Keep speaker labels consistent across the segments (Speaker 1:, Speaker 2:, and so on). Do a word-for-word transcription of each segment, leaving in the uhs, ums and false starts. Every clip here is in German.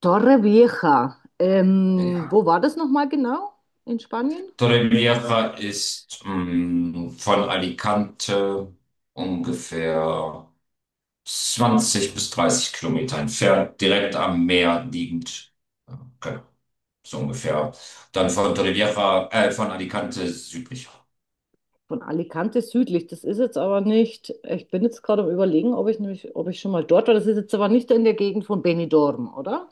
Speaker 1: Torrevieja. Ähm,
Speaker 2: Ja.
Speaker 1: wo war das nochmal genau? In Spanien?
Speaker 2: Torrevieja ist mh, von Alicante ungefähr zwanzig bis dreißig Kilometer entfernt, direkt am Meer liegend. Ja, genau, so ungefähr. Dann von Torrevieja, äh, von Alicante südlicher.
Speaker 1: Von Alicante südlich. Das ist jetzt aber nicht. Ich bin jetzt gerade am Überlegen, ob ich nämlich, ob ich schon mal dort war. Das ist jetzt aber nicht in der Gegend von Benidorm, oder?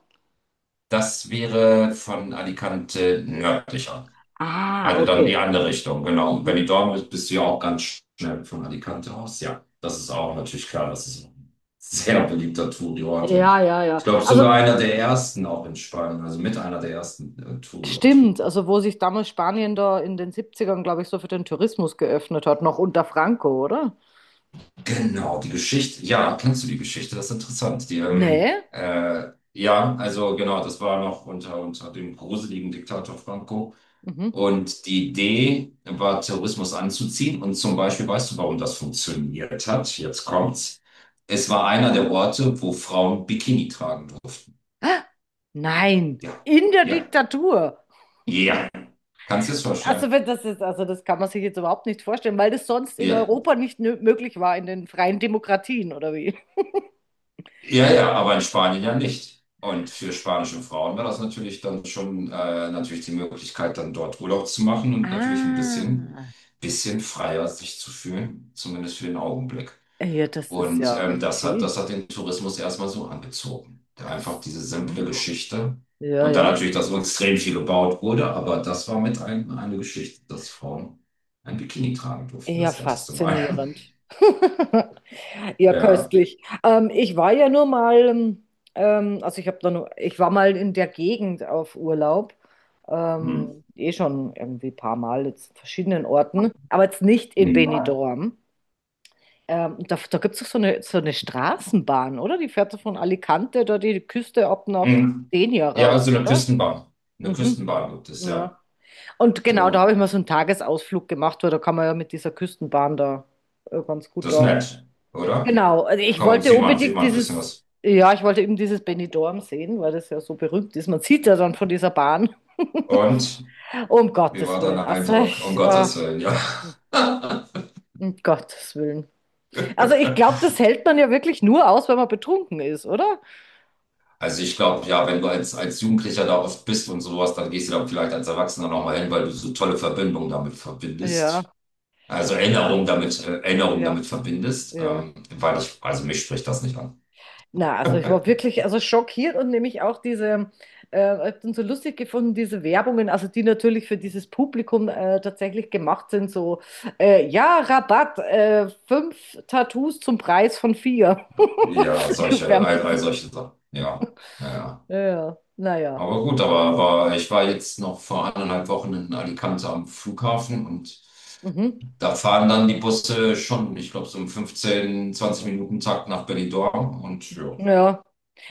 Speaker 2: Das wäre von Alicante nördlicher.
Speaker 1: Ah,
Speaker 2: Also dann die
Speaker 1: okay.
Speaker 2: andere Richtung, genau. Und wenn du
Speaker 1: Mhm.
Speaker 2: dort bist, bist du ja auch ganz schnell von Alicante aus. Ja, das ist auch natürlich klar. Das ist ein sehr beliebter Touri-Ort und
Speaker 1: Ja, ja,
Speaker 2: ich
Speaker 1: ja.
Speaker 2: glaube
Speaker 1: Also
Speaker 2: sogar einer der ersten auch in Spanien, also mit einer der ersten äh, Touri-Ort.
Speaker 1: stimmt. Also wo sich damals Spanien da in den siebzigern, glaube ich, so für den Tourismus geöffnet hat, noch unter Franco, oder?
Speaker 2: Genau, die Geschichte. Ja, kennst du die Geschichte? Das ist interessant. Die, ähm,
Speaker 1: Nee.
Speaker 2: äh, ja, also genau, das war noch unter, unter dem gruseligen Diktator Franco.
Speaker 1: Mhm.
Speaker 2: Und die Idee war, Terrorismus anzuziehen. Und zum Beispiel, weißt du, warum das funktioniert hat? Jetzt kommt's. Es war einer der Orte, wo Frauen Bikini tragen durften.
Speaker 1: Ah, nein.
Speaker 2: Ja,
Speaker 1: In der
Speaker 2: ja,
Speaker 1: Diktatur.
Speaker 2: ja. Kannst du es vorstellen?
Speaker 1: Also, wenn das ist, also das kann man sich jetzt überhaupt nicht vorstellen, weil das sonst in
Speaker 2: Ja,
Speaker 1: Europa nicht nö- möglich war, in den freien Demokratien, oder wie?
Speaker 2: ja, ja, aber in Spanien ja nicht. Und für spanische Frauen war das natürlich dann schon äh, natürlich die Möglichkeit, dann dort Urlaub zu machen und natürlich ein
Speaker 1: Ah,
Speaker 2: bisschen, bisschen freier sich zu fühlen, zumindest für den Augenblick.
Speaker 1: ja, das ist
Speaker 2: Und
Speaker 1: ja
Speaker 2: ähm, das hat,
Speaker 1: okay.
Speaker 2: das hat den Tourismus erstmal so angezogen. Da
Speaker 1: Ach
Speaker 2: einfach diese simple
Speaker 1: so.
Speaker 2: Geschichte.
Speaker 1: Ja,
Speaker 2: Und dann
Speaker 1: ja.
Speaker 2: natürlich, dass so extrem viel gebaut wurde, aber das war mit ein, eine Geschichte, dass Frauen ein Bikini tragen durften,
Speaker 1: Ja,
Speaker 2: das erste Mal.
Speaker 1: faszinierend. Ja,
Speaker 2: Ja.
Speaker 1: köstlich. Ähm, ich war ja nur mal, ähm, ähm, also ich habe da nur, ich war mal in der Gegend auf Urlaub.
Speaker 2: Hm.
Speaker 1: Ähm, eh schon irgendwie ein paar Mal jetzt in verschiedenen Orten, aber jetzt nicht in
Speaker 2: Nee.
Speaker 1: Benidorm. Ähm, da da gibt es doch so eine, so eine Straßenbahn, oder? Die fährt so von Alicante da die Küste ab nach
Speaker 2: Hm.
Speaker 1: Denia
Speaker 2: Ja,
Speaker 1: rauf,
Speaker 2: also eine
Speaker 1: oder?
Speaker 2: Küstenbahn. Eine
Speaker 1: Mhm.
Speaker 2: Küstenbahn gibt es, ja.
Speaker 1: Ja. Und genau, da habe ich
Speaker 2: Genau.
Speaker 1: mal so einen Tagesausflug gemacht, weil da kann man ja mit dieser Küstenbahn da äh, ganz gut
Speaker 2: Das ist
Speaker 1: da.
Speaker 2: nett, oder?
Speaker 1: Genau, also ich
Speaker 2: Komm,
Speaker 1: wollte
Speaker 2: sieht man, sieht
Speaker 1: unbedingt
Speaker 2: man ein bisschen
Speaker 1: dieses,
Speaker 2: was.
Speaker 1: ja, ich wollte eben dieses Benidorm sehen, weil das ja so berühmt ist. Man sieht ja dann von dieser Bahn.
Speaker 2: Und
Speaker 1: Um
Speaker 2: wie
Speaker 1: Gottes
Speaker 2: war dein
Speaker 1: Willen. Also,
Speaker 2: Eindruck? Um
Speaker 1: ich, äh,
Speaker 2: Gottes Willen, ja.
Speaker 1: um Gottes Willen. Also, ich glaube, das hält man ja wirklich nur aus, wenn man betrunken ist, oder?
Speaker 2: Also ich glaube, ja, wenn du als, als Jugendlicher da oft bist und sowas, dann gehst du da vielleicht als Erwachsener nochmal hin, weil du so tolle Verbindungen damit
Speaker 1: Ja,
Speaker 2: verbindest. Also ja, Erinnerungen damit, äh, Erinnerungen
Speaker 1: ja,
Speaker 2: damit verbindest,
Speaker 1: ja.
Speaker 2: ähm, weil ich, also mich spricht das nicht an.
Speaker 1: Na, also ich war wirklich also schockiert und nämlich auch diese, äh, hab dann so lustig gefunden, diese Werbungen, also die natürlich für dieses Publikum äh, tatsächlich gemacht sind, so, äh, ja, Rabatt, äh, fünf Tattoos zum Preis von vier.
Speaker 2: Ja, solche, all, all solche Sachen. Ja, ja.
Speaker 1: Ja, ja, naja.
Speaker 2: Aber gut, aber, aber ich war jetzt noch vor eineinhalb Wochen in Alicante am Flughafen und
Speaker 1: Mhm.
Speaker 2: da fahren dann die Busse schon, ich glaube, so im fünfzehn, zwanzig Minuten Takt nach Benidorm und ja,
Speaker 1: Ja,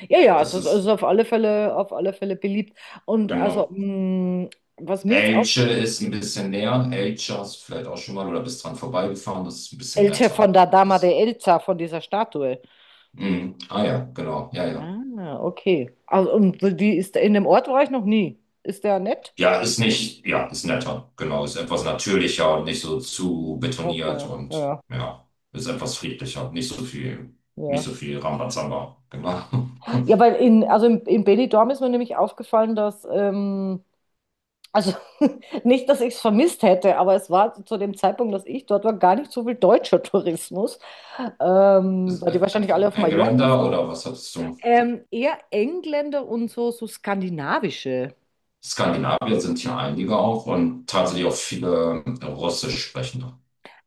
Speaker 1: ja, ja, es
Speaker 2: das
Speaker 1: ist, es ist
Speaker 2: ist
Speaker 1: auf alle Fälle, auf alle Fälle beliebt. Und also,
Speaker 2: genau.
Speaker 1: mh, was mir jetzt auf,
Speaker 2: Elche ist ein bisschen näher. Elche hast du vielleicht auch schon mal oder bist dran vorbeigefahren. Das ist ein bisschen
Speaker 1: Elche von
Speaker 2: netter.
Speaker 1: der Dama de
Speaker 2: Das,
Speaker 1: Elsa, von dieser Statue.
Speaker 2: Mhm. Ah ja, genau. Ja, ja.
Speaker 1: Ah, okay. Also, und die ist in dem Ort war ich noch nie. Ist der nett?
Speaker 2: Ja, ist nicht, ja, ist netter. Genau, ist etwas natürlicher und nicht so zu betoniert
Speaker 1: Okay,
Speaker 2: und
Speaker 1: ja,
Speaker 2: ja, ist etwas friedlicher. Nicht so viel, nicht
Speaker 1: ja.
Speaker 2: so viel Rambazamba. Genau.
Speaker 1: Ja, weil in, also in, in Benidorm ist mir nämlich aufgefallen, dass, ähm, also nicht, dass ich es vermisst hätte, aber es war zu dem Zeitpunkt, dass ich dort war, gar nicht so viel deutscher Tourismus, ähm,
Speaker 2: Ist,
Speaker 1: weil
Speaker 2: äh,
Speaker 1: die
Speaker 2: äh,
Speaker 1: wahrscheinlich alle auf
Speaker 2: Ein
Speaker 1: Mallorca
Speaker 2: Geländer
Speaker 1: sind.
Speaker 2: oder was hattest du?
Speaker 1: Ähm, eher Engländer und so, so skandinavische.
Speaker 2: Skandinavier sind hier einige auch und tatsächlich
Speaker 1: Hm.
Speaker 2: auch viele äh, Russisch sprechende.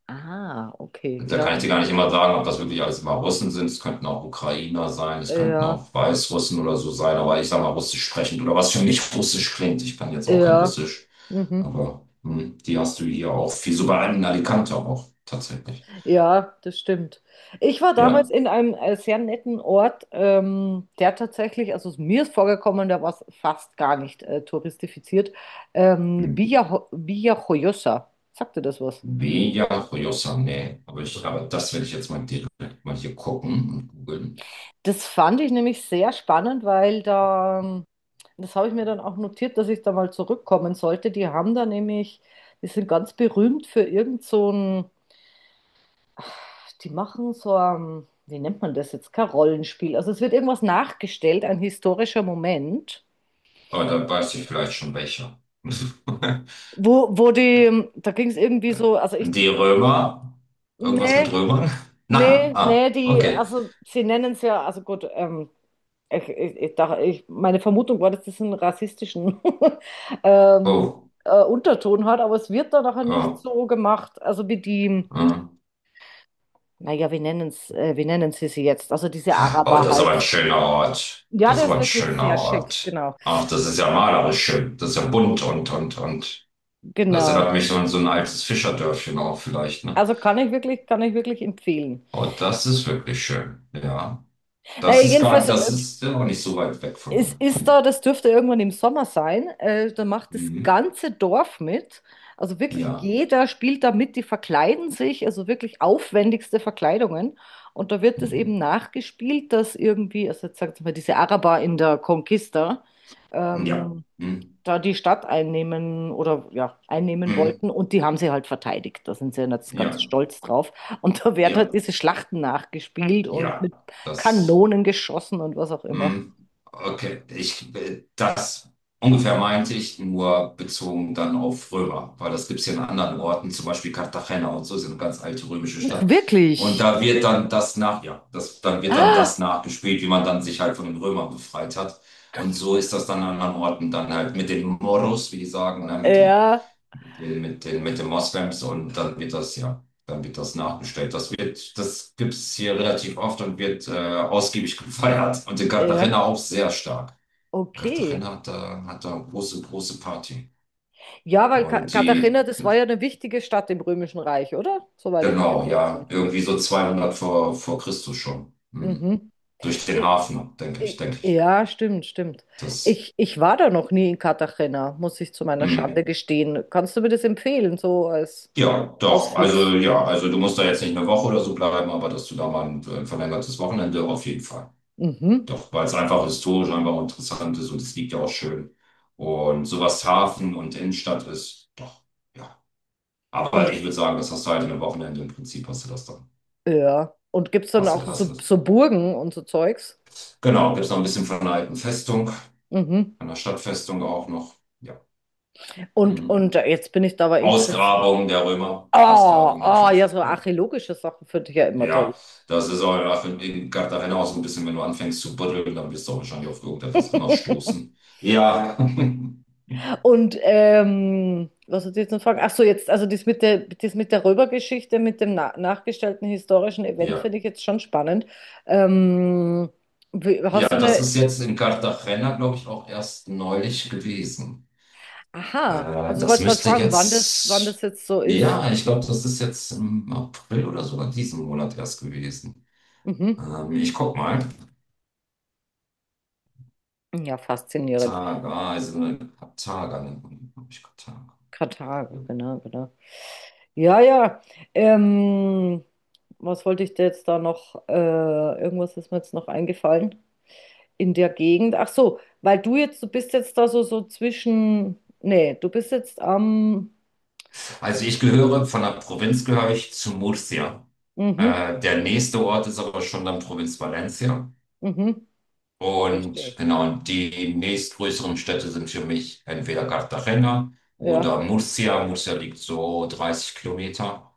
Speaker 1: Ah, okay,
Speaker 2: Da
Speaker 1: ja,
Speaker 2: kann ich dir gar nicht immer sagen, ob das wirklich alles immer Russen sind. Es könnten auch Ukrainer sein, es könnten
Speaker 1: ja,
Speaker 2: auch Weißrussen oder so sein, aber ich sage mal Russisch sprechend oder was für mich Russisch klingt. Ich kann jetzt auch kein
Speaker 1: ja.
Speaker 2: Russisch,
Speaker 1: Mhm.
Speaker 2: aber hm, die hast du hier auch viel, sogar in Alicante auch tatsächlich.
Speaker 1: Ja, das stimmt. Ich war damals
Speaker 2: Ja,
Speaker 1: in einem äh, sehr netten Ort, ähm, der tatsächlich, also mir ist vorgekommen, der war fast gar nicht äh, touristifiziert. Ähm,
Speaker 2: hm.
Speaker 1: Villa, Villa Joyosa. Sagt dir das was?
Speaker 2: Beja Rojosa, nee, aber ich, aber das werde ich jetzt mal direkt mal hier gucken und googeln.
Speaker 1: Das fand ich nämlich sehr spannend, weil da, ähm, das habe ich mir dann auch notiert, dass ich da mal zurückkommen sollte. Die haben da nämlich, die sind ganz berühmt für irgend so ein. Die machen so, ähm, wie nennt man das jetzt? Kein Rollenspiel. Also es wird irgendwas nachgestellt, ein historischer Moment,
Speaker 2: Aber dann weiß ich vielleicht schon welcher.
Speaker 1: wo, wo die, da ging es irgendwie so, also ich,
Speaker 2: Die Römer, Irgendwas
Speaker 1: nee,
Speaker 2: mit Römern? Nein,
Speaker 1: nee,
Speaker 2: ah,
Speaker 1: nee, die,
Speaker 2: okay.
Speaker 1: also sie nennen es ja, also gut, ähm, ich, ich, ich, dachte- ich, meine Vermutung war, dass das einen rassistischen ähm,
Speaker 2: Oh.
Speaker 1: äh, Unterton hat, aber es wird da nachher nicht
Speaker 2: ähm,
Speaker 1: so gemacht, also wie die,
Speaker 2: Hm.
Speaker 1: naja, wie nennen es, äh, wie nennen sie sie jetzt? Also diese
Speaker 2: Oh,
Speaker 1: Araber
Speaker 2: das ist aber
Speaker 1: halt.
Speaker 2: ein schöner Ort.
Speaker 1: Ja,
Speaker 2: Das ist
Speaker 1: der
Speaker 2: aber
Speaker 1: ist
Speaker 2: ein
Speaker 1: wirklich
Speaker 2: schöner
Speaker 1: sehr schick,
Speaker 2: Ort.
Speaker 1: genau.
Speaker 2: Ach, das ist ja malerisch schön. Das ist ja bunt und, und, und. Das
Speaker 1: Genau.
Speaker 2: erinnert mich so an so ein altes Fischerdörfchen auch vielleicht, ne?
Speaker 1: Also kann ich wirklich, kann ich wirklich empfehlen.
Speaker 2: Oh, das ist wirklich schön. Ja.
Speaker 1: Naja,
Speaker 2: Das ist gar,
Speaker 1: jedenfalls,
Speaker 2: das
Speaker 1: äh,
Speaker 2: ist ja auch nicht so weit weg von
Speaker 1: es
Speaker 2: hier.
Speaker 1: ist
Speaker 2: Nee.
Speaker 1: da, das dürfte irgendwann im Sommer sein, äh, da macht das
Speaker 2: Mhm.
Speaker 1: ganze Dorf mit. Also wirklich
Speaker 2: Ja.
Speaker 1: jeder spielt da mit, die verkleiden sich, also wirklich aufwendigste Verkleidungen. Und da wird es eben
Speaker 2: Mhm.
Speaker 1: nachgespielt, dass irgendwie, also jetzt sagt mal, diese Araber in der Conquista,
Speaker 2: Ja.
Speaker 1: ähm,
Speaker 2: Mhm.
Speaker 1: da die Stadt einnehmen oder ja, einnehmen
Speaker 2: Mhm.
Speaker 1: wollten und die haben sie halt verteidigt. Da sind sie jetzt ganz
Speaker 2: Ja.
Speaker 1: stolz drauf. Und da werden
Speaker 2: Ja.
Speaker 1: halt diese Schlachten nachgespielt und
Speaker 2: Ja.
Speaker 1: mit
Speaker 2: Das.
Speaker 1: Kanonen geschossen und was auch immer.
Speaker 2: Hm, Okay, ich, äh, das ungefähr meinte ich nur bezogen dann auf Römer, weil das gibt es ja an anderen Orten, zum Beispiel Cartagena und so, ist ja eine ganz alte römische
Speaker 1: Ach,
Speaker 2: Stadt. Und
Speaker 1: wirklich?
Speaker 2: da wird dann das nach, ja, das, dann wird dann das nachgespielt, wie man dann sich halt von den Römern befreit hat. Und so ist das dann an anderen Orten dann halt mit den Moros, wie die sagen, ne, mit den
Speaker 1: Ja,
Speaker 2: mit den, mit den, mit den Moslems und dann wird das, ja, dann wird das nachbestellt. Das wird, das gibt's hier relativ oft und wird äh, ausgiebig gefeiert. Und in
Speaker 1: ja,
Speaker 2: Cartagena auch sehr stark.
Speaker 1: okay.
Speaker 2: Cartagena hat da, hat da eine große, große Party.
Speaker 1: Ja, weil Ka-
Speaker 2: Und
Speaker 1: Katharina,
Speaker 2: die,
Speaker 1: das war ja eine wichtige Stadt im Römischen Reich, oder? Soweit ich mich
Speaker 2: genau,
Speaker 1: erinnern
Speaker 2: ja,
Speaker 1: kann.
Speaker 2: irgendwie so zweihundert vor, vor Christus schon. Hm.
Speaker 1: Mhm.
Speaker 2: Durch den Hafen, denke ich,
Speaker 1: I-
Speaker 2: denke ich.
Speaker 1: Ja, stimmt, stimmt.
Speaker 2: Das,
Speaker 1: Ich, ich war da noch nie in Cartagena, muss ich zu meiner Schande
Speaker 2: hm.
Speaker 1: gestehen. Kannst du mir das empfehlen, so als
Speaker 2: Ja, doch. Also,
Speaker 1: Ausflugs?
Speaker 2: ja, also du musst da jetzt nicht eine Woche oder so bleiben, aber dass du da mal ein ein verlängertes Wochenende auf jeden Fall.
Speaker 1: Mhm.
Speaker 2: Doch, weil es einfach historisch einfach interessant ist und es liegt ja auch schön. Und sowas Hafen und Innenstadt ist, doch, ja. Aber
Speaker 1: Und
Speaker 2: ich würde sagen, das hast du halt in einem Wochenende im Prinzip, hast du das dann.
Speaker 1: ja, und gibt es dann
Speaker 2: Hast
Speaker 1: auch
Speaker 2: du, hast du
Speaker 1: so,
Speaker 2: das.
Speaker 1: so Burgen und so Zeugs?
Speaker 2: Genau, gibt es noch ein bisschen von einer alten Festung,
Speaker 1: Mhm.
Speaker 2: einer Stadtfestung auch noch. Ja.
Speaker 1: Und,
Speaker 2: Mhm.
Speaker 1: und jetzt bin ich da aber interessiert.
Speaker 2: Ausgrabungen der Römer.
Speaker 1: Oh,
Speaker 2: Ausgrabungen
Speaker 1: oh, ja,
Speaker 2: natürlich,
Speaker 1: so
Speaker 2: ja.
Speaker 1: archäologische Sachen finde ich ja immer toll.
Speaker 2: Ja, das ist auch nach- in Cartagena auch so ein bisschen, wenn du anfängst zu buddeln, dann wirst du auch wahrscheinlich auf irgendetwas immer stoßen. Ja.
Speaker 1: Und ähm, was hat sie jetzt noch fragen? Ach so, jetzt, also das mit der, das mit der Röbergeschichte, mit dem na nachgestellten historischen Event
Speaker 2: Ja.
Speaker 1: finde ich jetzt schon spannend. Ähm, wie-
Speaker 2: Ja,
Speaker 1: Hast du
Speaker 2: das
Speaker 1: eine,
Speaker 2: ist jetzt in Cartagena, glaube ich, auch erst neulich gewesen.
Speaker 1: aha,
Speaker 2: Äh,
Speaker 1: also ich
Speaker 2: das
Speaker 1: wollte gerade
Speaker 2: müsste
Speaker 1: fragen, wann das, wann das
Speaker 2: jetzt,
Speaker 1: jetzt so ist.
Speaker 2: ja, ich glaube, das ist jetzt im April oder sogar diesen Monat erst gewesen.
Speaker 1: Mhm.
Speaker 2: Ähm, ich guck mal.
Speaker 1: Ja, faszinierend.
Speaker 2: Targa, also Targa nennt man, die, glaub ich, Targa.
Speaker 1: Karthago, genau, genau. Ja, ja. Ähm, Was wollte ich dir jetzt da noch? Äh, irgendwas ist mir jetzt noch eingefallen in der Gegend. Ach so, weil du jetzt, du bist jetzt da so, so, zwischen. Nee, du bist jetzt am.
Speaker 2: Also ich gehöre, von der Provinz gehöre ich zu Murcia.
Speaker 1: Mhm,
Speaker 2: Äh, der nächste Ort ist aber schon dann Provinz Valencia.
Speaker 1: mhm,
Speaker 2: Und
Speaker 1: verstehe.
Speaker 2: genau, und die nächstgrößeren Städte sind für mich entweder Cartagena
Speaker 1: Ja,
Speaker 2: oder Murcia. Murcia liegt so dreißig Kilometer.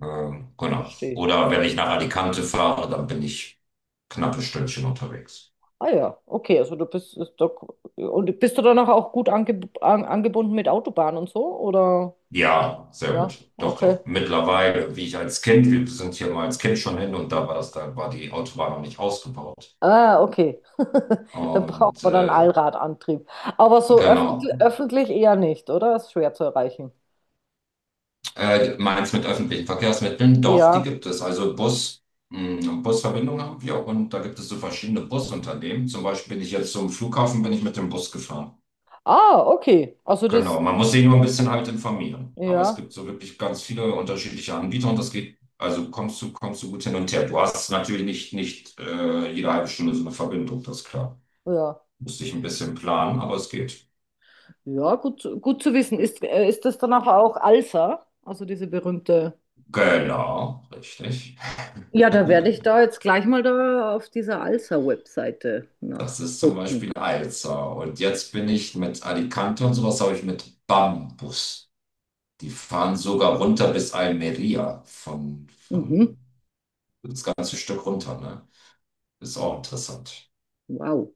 Speaker 2: Ähm, genau.
Speaker 1: verstehe.
Speaker 2: Oder wenn ich nach Alicante fahre, dann bin ich knappe Stündchen unterwegs.
Speaker 1: Ah ja, okay, also du bist ist doch, und bist du danach auch gut ange, an, angebunden mit Autobahn und so? Oder?
Speaker 2: Ja, sehr
Speaker 1: Ja,
Speaker 2: gut. Doch,
Speaker 1: okay.
Speaker 2: doch. Mittlerweile, wie ich als Kind, wir sind hier mal als Kind schon hin und da war das, da war die Autobahn noch nicht ausgebaut.
Speaker 1: Ah, okay. Dann braucht
Speaker 2: Und
Speaker 1: man dann
Speaker 2: äh,
Speaker 1: Allradantrieb. Aber so
Speaker 2: genau.
Speaker 1: öffentlich, öffentlich eher nicht, oder? Ist schwer zu erreichen.
Speaker 2: Äh, meinst mit öffentlichen Verkehrsmitteln? Doch, die
Speaker 1: Ja.
Speaker 2: gibt es. Also Bus, mh, Busverbindungen haben wir und da gibt es so verschiedene Busunternehmen. Zum Beispiel bin ich jetzt zum Flughafen, bin ich mit dem Bus gefahren.
Speaker 1: Ah, okay. Also
Speaker 2: Genau,
Speaker 1: das,
Speaker 2: man muss sich nur ein bisschen halt informieren. Aber es
Speaker 1: ja,
Speaker 2: gibt so wirklich ganz viele unterschiedliche Anbieter und das geht, also kommst du, kommst du gut hin und her. Du hast natürlich nicht, nicht äh, jede halbe Stunde so eine Verbindung, das ist klar.
Speaker 1: ja.
Speaker 2: Musst dich ein bisschen planen, aber es geht.
Speaker 1: Ja, gut, gut zu wissen. Ist, äh, ist das danach auch Alsa? Also diese berühmte.
Speaker 2: Genau, richtig.
Speaker 1: Ja, da werde ich da jetzt gleich mal da auf dieser Alsa-Webseite
Speaker 2: Das ist zum
Speaker 1: nachgucken.
Speaker 2: Beispiel Alza. Und jetzt bin ich mit Alicante und sowas, habe ich mit Bambus. Die fahren sogar runter bis Almeria von,
Speaker 1: Mhm.
Speaker 2: von das ganze Stück runter, ne? Ist auch interessant.
Speaker 1: Wow.